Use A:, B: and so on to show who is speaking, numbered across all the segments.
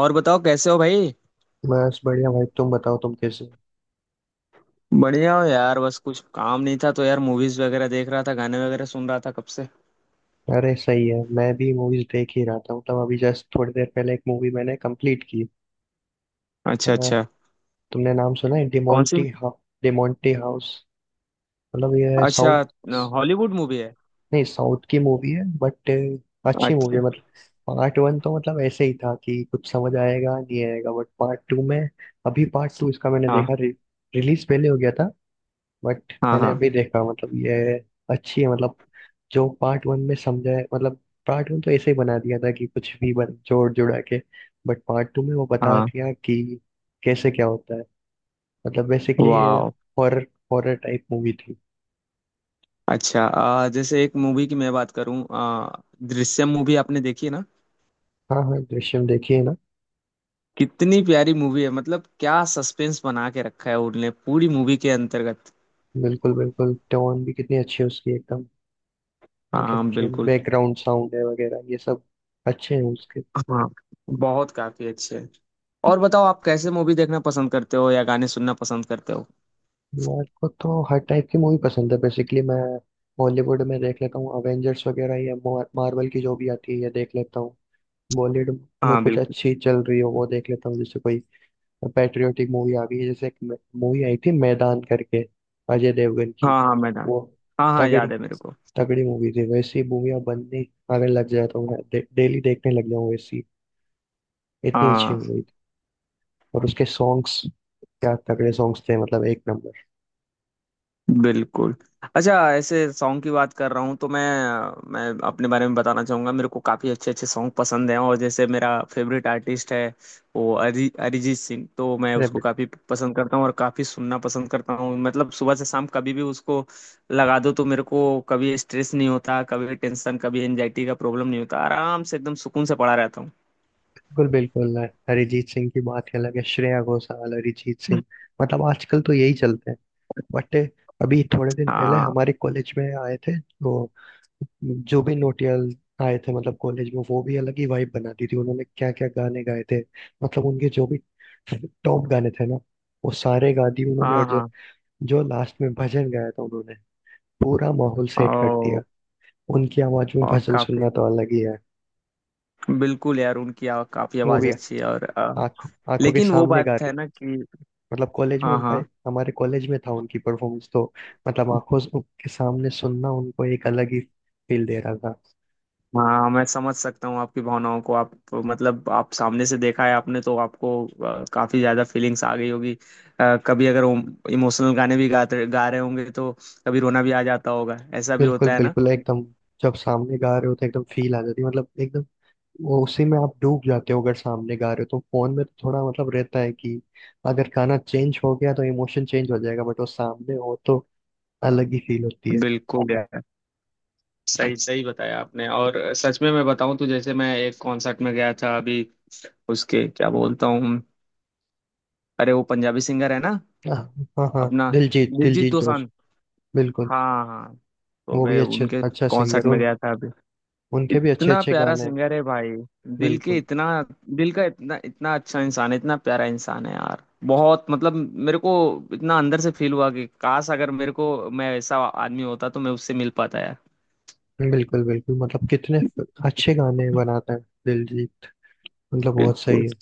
A: और बताओ कैसे हो भाई।
B: बस बढ़िया भाई। तुम बताओ, तुम कैसे हो?
A: बढ़िया हो यार, बस कुछ काम नहीं था तो यार मूवीज वगैरह देख रहा था, गाने वगैरह सुन रहा था कब से।
B: अरे सही है, मैं भी मूवीज देख ही रहा था। मतलब अभी जस्ट थोड़ी देर पहले एक मूवी मैंने कंप्लीट की। अ,
A: अच्छा अच्छा।
B: तुमने नाम सुना है
A: कौन सी?
B: डिमोंटी हाउ? डिमोंटी हाउस। मतलब ये
A: अच्छा,
B: साउथ,
A: हॉलीवुड मूवी है?
B: नहीं साउथ की मूवी है बट अच्छी मूवी है।
A: अच्छा।
B: मतलब पार्ट वन तो मतलब ऐसे ही था कि कुछ समझ आएगा नहीं आएगा, बट पार्ट टू में, अभी पार्ट टू इसका मैंने
A: हाँ
B: देखा। रिलीज पहले हो गया था बट
A: हाँ।
B: मैंने
A: हाँ
B: अभी देखा। मतलब ये अच्छी है। मतलब जो पार्ट वन में समझा है, मतलब पार्ट वन तो ऐसे ही बना दिया था कि जोड़ जुड़ा के। बट पार्ट टू में वो बता
A: हाँ।
B: दिया कि कैसे क्या होता है। मतलब बेसिकली ये
A: वाह।
B: हॉरर हॉरर टाइप मूवी थी।
A: अच्छा, जैसे एक मूवी की मैं बात करूँ, दृश्यम मूवी आपने देखी है ना।
B: हाँ हाँ, दृश्यम देखिए ना।
A: कितनी प्यारी मूवी है, मतलब क्या सस्पेंस बना के रखा है उनने पूरी मूवी के अंतर्गत।
B: बिल्कुल बिल्कुल, टोन भी कितनी अच्छी है उसकी एकदम।
A: हाँ
B: मतलब जो
A: बिल्कुल।
B: बैकग्राउंड साउंड है वगैरह ये सब अच्छे हैं उसके।
A: हाँ, बहुत काफी अच्छे है। और बताओ आप कैसे मूवी देखना पसंद करते हो या गाने सुनना पसंद करते हो?
B: मेरे को तो हर टाइप की मूवी पसंद है। बेसिकली मैं बॉलीवुड में देख लेता हूँ, अवेंजर्स वगैरह या मार्वल की जो भी आती है ये देख लेता हूँ। बॉलीवुड में
A: हाँ
B: कुछ
A: बिल्कुल।
B: अच्छी चल रही हो वो देख लेता हूँ। जैसे कोई पैट्रियोटिक मूवी आ गई है, जैसे एक मूवी आई थी मैदान करके, अजय देवगन की।
A: हाँ हाँ, मैं जान।
B: वो
A: हाँ हाँ,
B: तगड़ी
A: याद है मेरे को।
B: तगड़ी मूवी थी। वैसी मूवी अब बनने अगर लग जाए तो मैं डेली देखने लग जाऊँ। वैसी इतनी अच्छी मूवी
A: हाँ
B: थी। और उसके सॉन्ग्स, क्या तगड़े सॉन्ग्स थे। मतलब एक
A: बिल्कुल। अच्छा, ऐसे सॉन्ग की बात कर रहा हूँ तो मैं अपने बारे में बताना चाहूँगा। मेरे को काफ़ी अच्छे अच्छे सॉन्ग पसंद हैं, और जैसे मेरा फेवरेट आर्टिस्ट है वो अरिजीत सिंह, तो मैं उसको
B: नंबर।
A: काफ़ी पसंद करता हूँ और काफ़ी सुनना पसंद करता हूँ। मतलब सुबह से शाम कभी भी उसको लगा दो तो मेरे को कभी स्ट्रेस नहीं होता, कभी टेंशन, कभी एनजाइटी का प्रॉब्लम नहीं होता, आराम से एकदम सुकून से पड़ा रहता हूँ।
B: बिल्कुल बिल्कुल। अरिजीत सिंह की बात ही अलग है। श्रेया घोषाल, अरिजीत सिंह, मतलब आजकल तो यही चलते हैं। बट अभी थोड़े दिन पहले
A: हाँ।
B: हमारे कॉलेज में आए थे वो, जो भी नोटियाल आए थे मतलब कॉलेज में, वो भी अलग ही वाइब बना दी थी उन्होंने। क्या क्या गाने गाए थे। मतलब उनके जो भी टॉप गाने थे ना, वो सारे गा दिए उन्होंने।
A: हाँ।
B: और जो
A: हाँ।
B: जो लास्ट में भजन गाया था उन्होंने, पूरा माहौल सेट कर दिया।
A: ओ,
B: उनकी आवाज में
A: ओ
B: भजन
A: काफी,
B: सुनना तो अलग ही है।
A: बिल्कुल यार, उनकी काफी
B: वो
A: आवाज
B: भी
A: अच्छी है, और
B: आंखों आंखों के
A: लेकिन वो
B: सामने गा,
A: बात है ना कि।
B: मतलब कॉलेज में
A: हाँ
B: उनका,
A: हाँ।
B: हमारे कॉलेज में था उनकी परफॉर्मेंस तो, मतलब के सामने सुनना उनको एक अलग ही फील दे रहा था।
A: हाँ, मैं समझ सकता हूँ आपकी भावनाओं को। आप मतलब आप सामने से देखा है आपने तो आपको काफी ज्यादा फीलिंग्स आ गई होगी। कभी अगर इमोशनल गाने भी गाते गा रहे होंगे तो कभी रोना भी आ जाता होगा, ऐसा भी
B: बिल्कुल
A: होता है ना।
B: बिल्कुल एकदम। जब सामने गा रहे हो तो एकदम फील आ जाती है। मतलब एकदम वो उसी में आप डूब जाते हो। अगर सामने गा रहे हो तो, फोन में तो थोड़ा मतलब रहता है कि अगर गाना चेंज हो गया तो इमोशन चेंज हो जाएगा, बट वो सामने हो तो अलग ही फील होती है।
A: बिल्कुल यार, सही सही बताया आपने। और सच में मैं बताऊं तो जैसे मैं एक कॉन्सर्ट में गया था अभी। उसके क्या बोलता हूँ, अरे वो पंजाबी सिंगर है ना,
B: हाँ हाँ हाँ,
A: अपना,
B: दिलजीत,
A: दिलजीत
B: दिलजीत जोश,
A: दोसांझ।
B: बिल्कुल।
A: हाँ हाँ। तो
B: वो भी
A: मैं
B: अच्छे
A: उनके
B: अच्छा
A: कॉन्सर्ट
B: सिंगर,
A: में
B: उन
A: गया था अभी।
B: उनके भी अच्छे
A: इतना
B: अच्छे
A: प्यारा
B: गाने हैं।
A: सिंगर है भाई, दिल के
B: बिल्कुल
A: इतना, दिल का इतना, इतना अच्छा इंसान है, इतना प्यारा इंसान है यार। बहुत मतलब, मेरे को इतना अंदर से फील हुआ कि काश अगर मेरे को, मैं ऐसा आदमी होता तो मैं उससे मिल पाता यार।
B: बिल्कुल बिल्कुल। मतलब कितने अच्छे गाने बनाता है दिलजीत। मतलब बहुत सही
A: बिल्कुल।
B: है।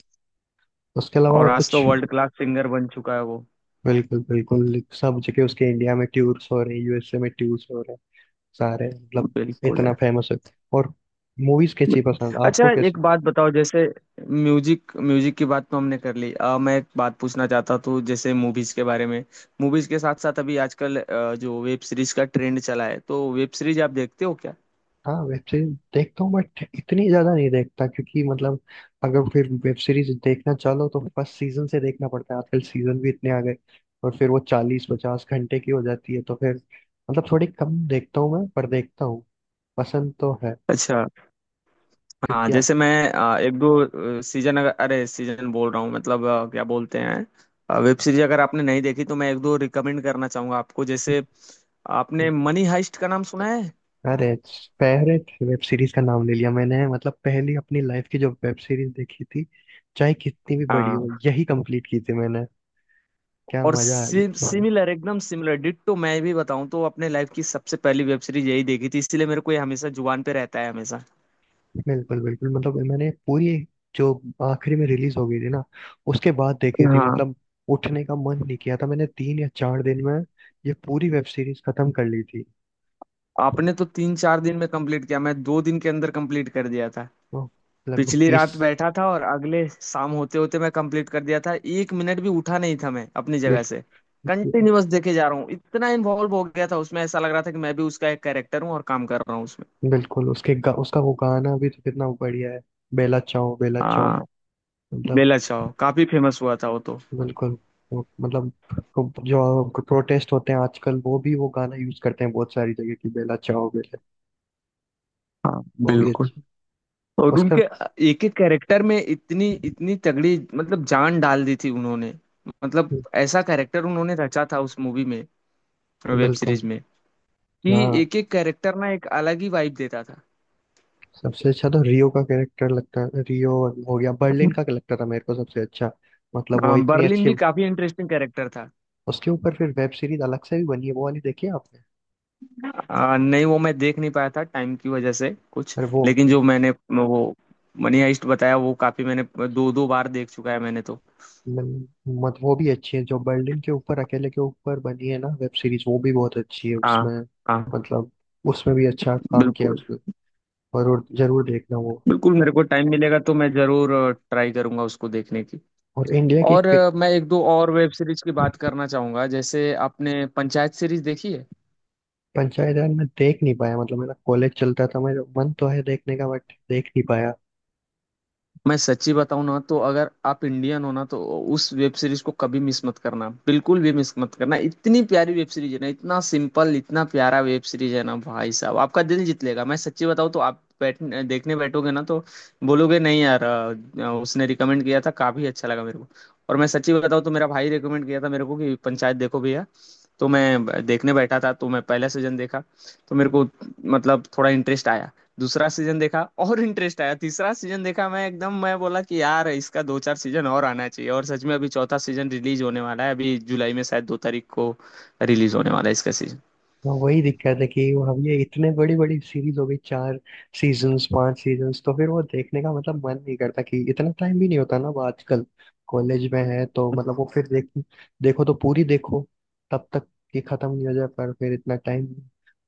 B: उसके अलावा
A: और
B: और
A: आज
B: कुछ?
A: तो वर्ल्ड क्लास सिंगर बन चुका है वो।
B: बिल्कुल बिल्कुल, सब जगह उसके, इंडिया में टूर्स हो रहे हैं, यूएसए में टूर्स हो रहे हैं सारे। मतलब
A: बिल्कुल
B: इतना
A: यार।
B: फेमस है। और मूवीज कैसी
A: बिल्कुल।
B: पसंद आपको,
A: अच्छा, एक
B: कैसे?
A: बात बताओ, जैसे म्यूजिक, म्यूजिक की बात तो हमने कर ली। मैं एक बात पूछना चाहता था जैसे मूवीज के बारे में। मूवीज के साथ साथ अभी आजकल जो वेब सीरीज का ट्रेंड चला है, तो वेब सीरीज आप देखते हो क्या?
B: हाँ, वेब सीरीज देखता हूँ बट इतनी ज्यादा नहीं देखता, क्योंकि मतलब अगर फिर वेब सीरीज देखना चाहो तो फर्स्ट सीजन से देखना पड़ता है। आजकल सीजन भी इतने आ गए और फिर वो चालीस पचास घंटे की हो जाती है, तो फिर मतलब थोड़ी कम देखता हूँ मैं, पर देखता हूँ, पसंद तो है।
A: अच्छा। हाँ,
B: क्योंकि आ-
A: जैसे मैं एक दो सीजन, अगर, अरे सीजन बोल रहा हूँ मतलब क्या बोलते हैं, वेब सीरीज, अगर आपने नहीं देखी तो मैं एक दो रिकमेंड करना चाहूंगा आपको। जैसे आपने मनी हाइस्ट का नाम सुना है?
B: अरे फेवरेट वेब सीरीज का नाम ले लिया मैंने। मतलब पहली अपनी लाइफ की जो वेब सीरीज देखी थी, चाहे कितनी भी बड़ी
A: हाँ।
B: हो, यही कंप्लीट की थी मैंने। क्या
A: और
B: मजा आ गया था।
A: सिमिलर, एकदम सिमिलर डिट्टो, मैं भी बताऊं तो अपने लाइफ की सबसे पहली वेब सीरीज यही देखी थी, इसलिए मेरे को ये हमेशा जुबान पे रहता है हमेशा।
B: बिल्कुल बिल्कुल। मतलब मैंने पूरी, जो आखिरी में रिलीज हो गई थी ना, उसके बाद देखी थी।
A: हाँ।
B: मतलब उठने का मन नहीं किया था मैंने। तीन या चार दिन में ये पूरी वेब सीरीज खत्म कर ली थी।
A: आपने तो तीन चार दिन में कंप्लीट किया, मैं दो दिन के अंदर कंप्लीट कर दिया था।
B: ओह, लगभग
A: पिछली
B: तीस।
A: रात बैठा था और अगले शाम होते होते मैं कंप्लीट कर दिया था। एक मिनट भी उठा नहीं था मैं अपनी जगह से।
B: बिल्कुल
A: कंटिन्यूअस देखे जा रहा हूँ, इतना इन्वॉल्व हो गया था उसमें, ऐसा लग रहा था कि मैं भी उसका एक कैरेक्टर हूँ और काम कर रहा हूँ उसमें।
B: बिल्कुल। उसका वो गाना भी तो कितना बढ़िया है, बेला चाओ बेला चाओ।
A: हाँ।
B: मतलब
A: बेला चाओ काफी फेमस हुआ था वो तो।
B: बिल्कुल। मतलब जो प्रोटेस्ट होते हैं आजकल, वो भी वो गाना यूज करते हैं बहुत सारी जगह की, बेला चाओ बेला।
A: हाँ
B: वो भी
A: बिल्कुल।
B: अच्छी।
A: और
B: उसका
A: उनके एक एक कैरेक्टर में इतनी इतनी तगड़ी मतलब जान डाल दी थी उन्होंने। मतलब ऐसा कैरेक्टर उन्होंने रचा था उस मूवी में, वेब
B: बिल्कुल।
A: सीरीज में, कि
B: हाँ,
A: एक एक कैरेक्टर ना एक अलग ही वाइब देता था।
B: सबसे अच्छा तो रियो का कैरेक्टर लगता है। रियो हो गया, बर्लिन का लगता था मेरे को सबसे अच्छा। मतलब वो इतनी
A: बर्लिन
B: अच्छी,
A: भी काफी इंटरेस्टिंग कैरेक्टर था।
B: उसके ऊपर फिर वेब सीरीज अलग से भी बनी है, वो वाली देखी है आपने?
A: नहीं, वो मैं देख नहीं पाया था टाइम की वजह से कुछ।
B: अरे वो,
A: लेकिन जो मैंने वो मनी हाइस्ट बताया वो काफी, मैंने दो दो बार देख चुका है मैंने तो।
B: मन- मत वो भी अच्छी है जो बर्लिन के ऊपर अकेले के ऊपर बनी है ना वेब सीरीज, वो भी बहुत अच्छी है
A: हाँ।
B: उसमें।
A: हाँ।
B: मतलब उसमें भी अच्छा काम किया है
A: बिल्कुल,
B: उसने। जरूर जरूर देखना वो।
A: बिल्कुल मेरे को टाइम मिलेगा तो मैं जरूर ट्राई करूंगा उसको देखने की।
B: और
A: और मैं एक दो और वेब सीरीज की बात करना चाहूंगा। जैसे आपने पंचायत सीरीज देखी है?
B: पंचायत राज में देख नहीं पाया। मतलब मेरा कॉलेज चलता था, मेरा मन तो है देखने का बट देख नहीं पाया।
A: मैं सच्ची बताऊं ना, तो अगर आप इंडियन हो ना तो उस वेब सीरीज को कभी मिस मत करना, बिल्कुल भी मिस मत करना। इतनी प्यारी वेब सीरीज है ना, इतना सिंपल, इतना प्यारा वेब सीरीज है ना भाई साहब, आपका दिल जीत लेगा। मैं सच्ची बताऊं तो आप बैठ देखने बैठोगे ना तो बोलोगे नहीं यार। उसने रिकमेंड किया था, काफी अच्छा लगा मेरे को। और मैं सच्ची बताऊं तो मेरा भाई रिकमेंड किया था मेरे को कि पंचायत देखो भैया। तो मैं देखने बैठा था, तो मैं पहला सीजन देखा तो मेरे को मतलब थोड़ा इंटरेस्ट आया। दूसरा सीजन देखा और इंटरेस्ट आया, तीसरा सीजन देखा, मैं एकदम मैं बोला कि यार इसका दो चार सीजन और आना चाहिए। और सच में अभी चौथा सीजन रिलीज होने वाला है, अभी जुलाई में शायद दो तारीख को रिलीज होने वाला है इसका सीजन।
B: तो वही दिक्कत है कि अब ये इतने बड़ी बड़ी सीरीज हो गई, चार सीजन्स पांच सीजन्स, तो फिर वो देखने का मतलब मन नहीं करता कि इतना टाइम भी नहीं होता ना वो। आजकल कॉलेज में है तो मतलब वो फिर देख, देखो तो पूरी देखो, तब तक कि खत्म नहीं हो जाए। पर फिर इतना टाइम,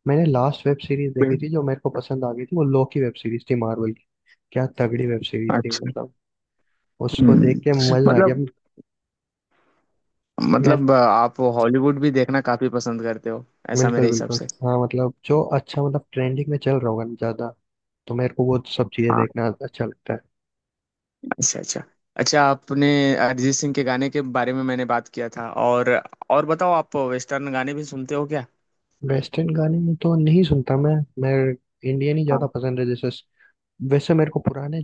B: मैंने लास्ट वेब सीरीज देखी थी जो मेरे को पसंद आ गई थी, वो लोकी वेब सीरीज थी मार्वल की। क्या तगड़ी वेब सीरीज थी।
A: अच्छा।
B: मतलब उसको देख के
A: हम्म।
B: मजा आ गया।
A: मतलब,
B: मैं
A: मतलब आप हॉलीवुड भी देखना काफी पसंद करते हो ऐसा
B: बिल्कुल
A: मेरे हिसाब
B: बिल्कुल।
A: से।
B: हाँ मतलब जो अच्छा मतलब ट्रेंडिंग में चल रहा होगा ना ज्यादा, तो मेरे को वो सब चीजें
A: हाँ।
B: देखना अच्छा लगता है।
A: अच्छा अच्छा। अच्छा, आपने अरिजीत सिंह के गाने के बारे में मैंने बात किया था, और बताओ आप वेस्टर्न गाने भी सुनते हो क्या?
B: वेस्टर्न गाने तो नहीं सुनता मैं। मैं इंडियन ही ज्यादा
A: हाँ
B: पसंद है। जैसे, वैसे मेरे को पुराने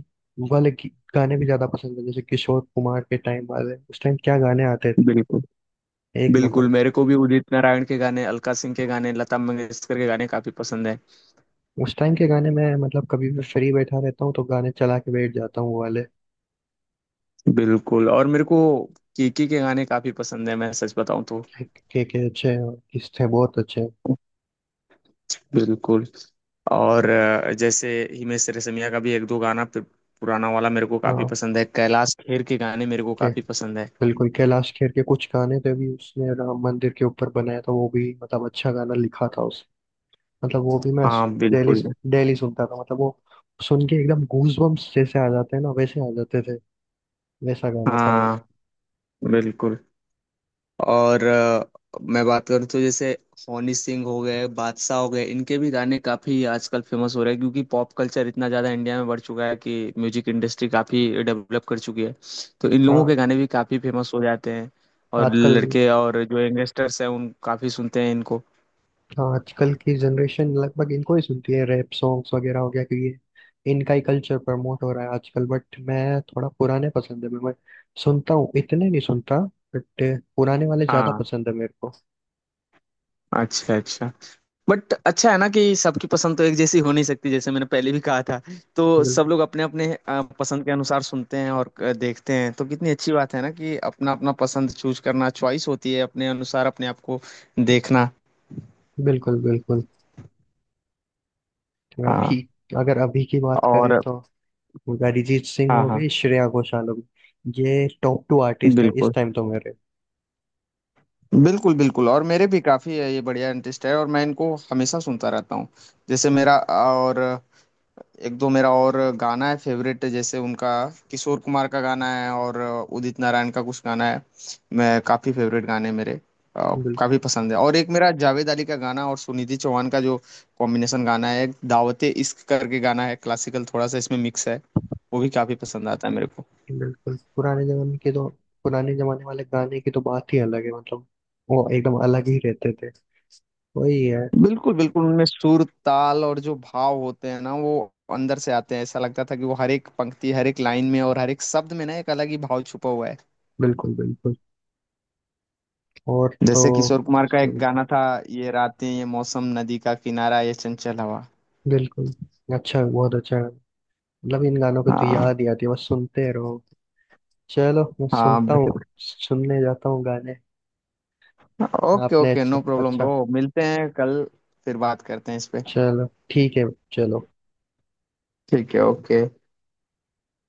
B: वाले गाने भी ज्यादा पसंद है। जैसे किशोर कुमार के टाइम वाले, उस टाइम क्या गाने आते थे,
A: बिल्कुल।
B: एक
A: बिल्कुल
B: नंबर।
A: मेरे को भी उदित नारायण के गाने, अलका सिंह के गाने, लता मंगेशकर के गाने काफी पसंद है।
B: उस टाइम के गाने मैं, मतलब कभी भी फ्री बैठा रहता हूँ तो गाने चला के बैठ जाता हूँ वो वाले।
A: बिल्कुल। और मेरे को केके के गाने काफी पसंद है, मैं सच बताऊं तो।
B: के अच्छे हैं, और किस थे बहुत अच्छे हैं।
A: बिल्कुल। और जैसे हिमेश रेशमिया का भी एक दो गाना पुराना वाला मेरे को काफी
B: हाँ
A: पसंद है। कैलाश खेर के गाने मेरे को
B: के,
A: काफी पसंद है।
B: बिल्कुल। कैलाश खेर के कुछ गाने थे भी, उसने राम मंदिर के ऊपर बनाया था, वो भी मतलब अच्छा गाना लिखा था उसने। मतलब वो भी मैं
A: हाँ
B: डेली
A: बिल्कुल।
B: डेली सुनता था। मतलब वो सुन के एकदम गूज बम्स जैसे आ जाते हैं ना, वैसे आ जाते थे। वैसा गाना था वो।
A: हाँ बिल्कुल। और मैं बात करूँ तो जैसे हनी सिंह हो गए, बादशाह हो गए, इनके भी गाने काफी आजकल फेमस हो रहे हैं क्योंकि पॉप कल्चर इतना ज्यादा इंडिया में बढ़ चुका है कि म्यूजिक इंडस्ट्री काफी डेवलप कर चुकी है। तो इन लोगों
B: हाँ
A: के गाने भी काफी फेमस हो जाते हैं। और
B: आजकल,
A: लड़के और जो यंगस्टर्स हैं उन काफी सुनते हैं इनको।
B: हाँ आजकल की जनरेशन लगभग इनको ही सुनती है, रैप सॉन्ग्स वगैरह हो गया, कि ये इनका ही कल्चर प्रमोट हो रहा है आजकल। बट मैं थोड़ा पुराने पसंद है। मैं सुनता हूँ, इतने नहीं सुनता बट पुराने वाले ज्यादा
A: हाँ।
B: पसंद है मेरे को।
A: अच्छा अच्छा। बट अच्छा है ना कि सबकी पसंद तो एक जैसी हो नहीं सकती, जैसे मैंने पहले भी कहा था। तो सब
B: बिल्कुल
A: लोग अपने अपने पसंद के अनुसार सुनते हैं, और देखते हैं। तो कितनी अच्छी बात है ना कि अपना अपना पसंद चूज करना, चॉइस होती है अपने अनुसार अपने आप को देखना।
B: बिल्कुल बिल्कुल। अभी
A: हाँ।
B: अगर अभी की बात करें
A: और।
B: तो अरिजीत सिंह
A: हाँ
B: हो
A: हाँ।
B: गई, श्रेया घोषाल हो गई, ये टॉप टू आर्टिस्ट है इस
A: बिल्कुल,
B: टाइम तो मेरे।
A: बिल्कुल बिल्कुल, और मेरे भी काफी है, ये बढ़िया इंटरेस्ट है, और मैं इनको हमेशा सुनता रहता हूँ। जैसे मेरा, और एक दो मेरा और गाना है फेवरेट, जैसे उनका किशोर कुमार का गाना है, और उदित नारायण का कुछ गाना है। मैं काफी फेवरेट गाने मेरे
B: बिल्कुल
A: काफी पसंद है। और एक मेरा जावेद अली का गाना और सुनिधि चौहान का जो कॉम्बिनेशन गाना है, एक दावते इश्क करके गाना है, क्लासिकल थोड़ा सा इसमें मिक्स है, वो भी काफी पसंद आता है मेरे को।
B: बिल्कुल। पुराने जमाने के तो, पुराने जमाने वाले गाने की तो बात ही अलग है। मतलब वो एकदम अलग ही रहते थे। वही है,
A: बिल्कुल बिल्कुल, उनमें सुर ताल और जो भाव होते हैं ना, वो अंदर से आते हैं। ऐसा लगता था कि वो हर एक पंक्ति, हर एक लाइन में और हर एक शब्द में ना एक अलग ही भाव छुपा हुआ है।
B: बिल्कुल बिल्कुल। और तो
A: जैसे किशोर कुमार का एक गाना था, ये रातें, ये मौसम, नदी का किनारा, ये चंचल हवा।
B: बिल्कुल। अच्छा बहुत अच्छा है। मतलब इन गानों को तो
A: हाँ
B: याद ही आती है, बस सुनते रहो। चलो मैं
A: हाँ।
B: सुनता हूँ, सुनने जाता हूँ गाने।
A: ओके
B: आपने
A: ओके,
B: अच्छा
A: नो प्रॉब्लम
B: अच्छा।
A: ब्रो, मिलते हैं कल, फिर बात करते हैं इस पे।
B: चलो ठीक है। चलो।
A: ठीक है, ओके।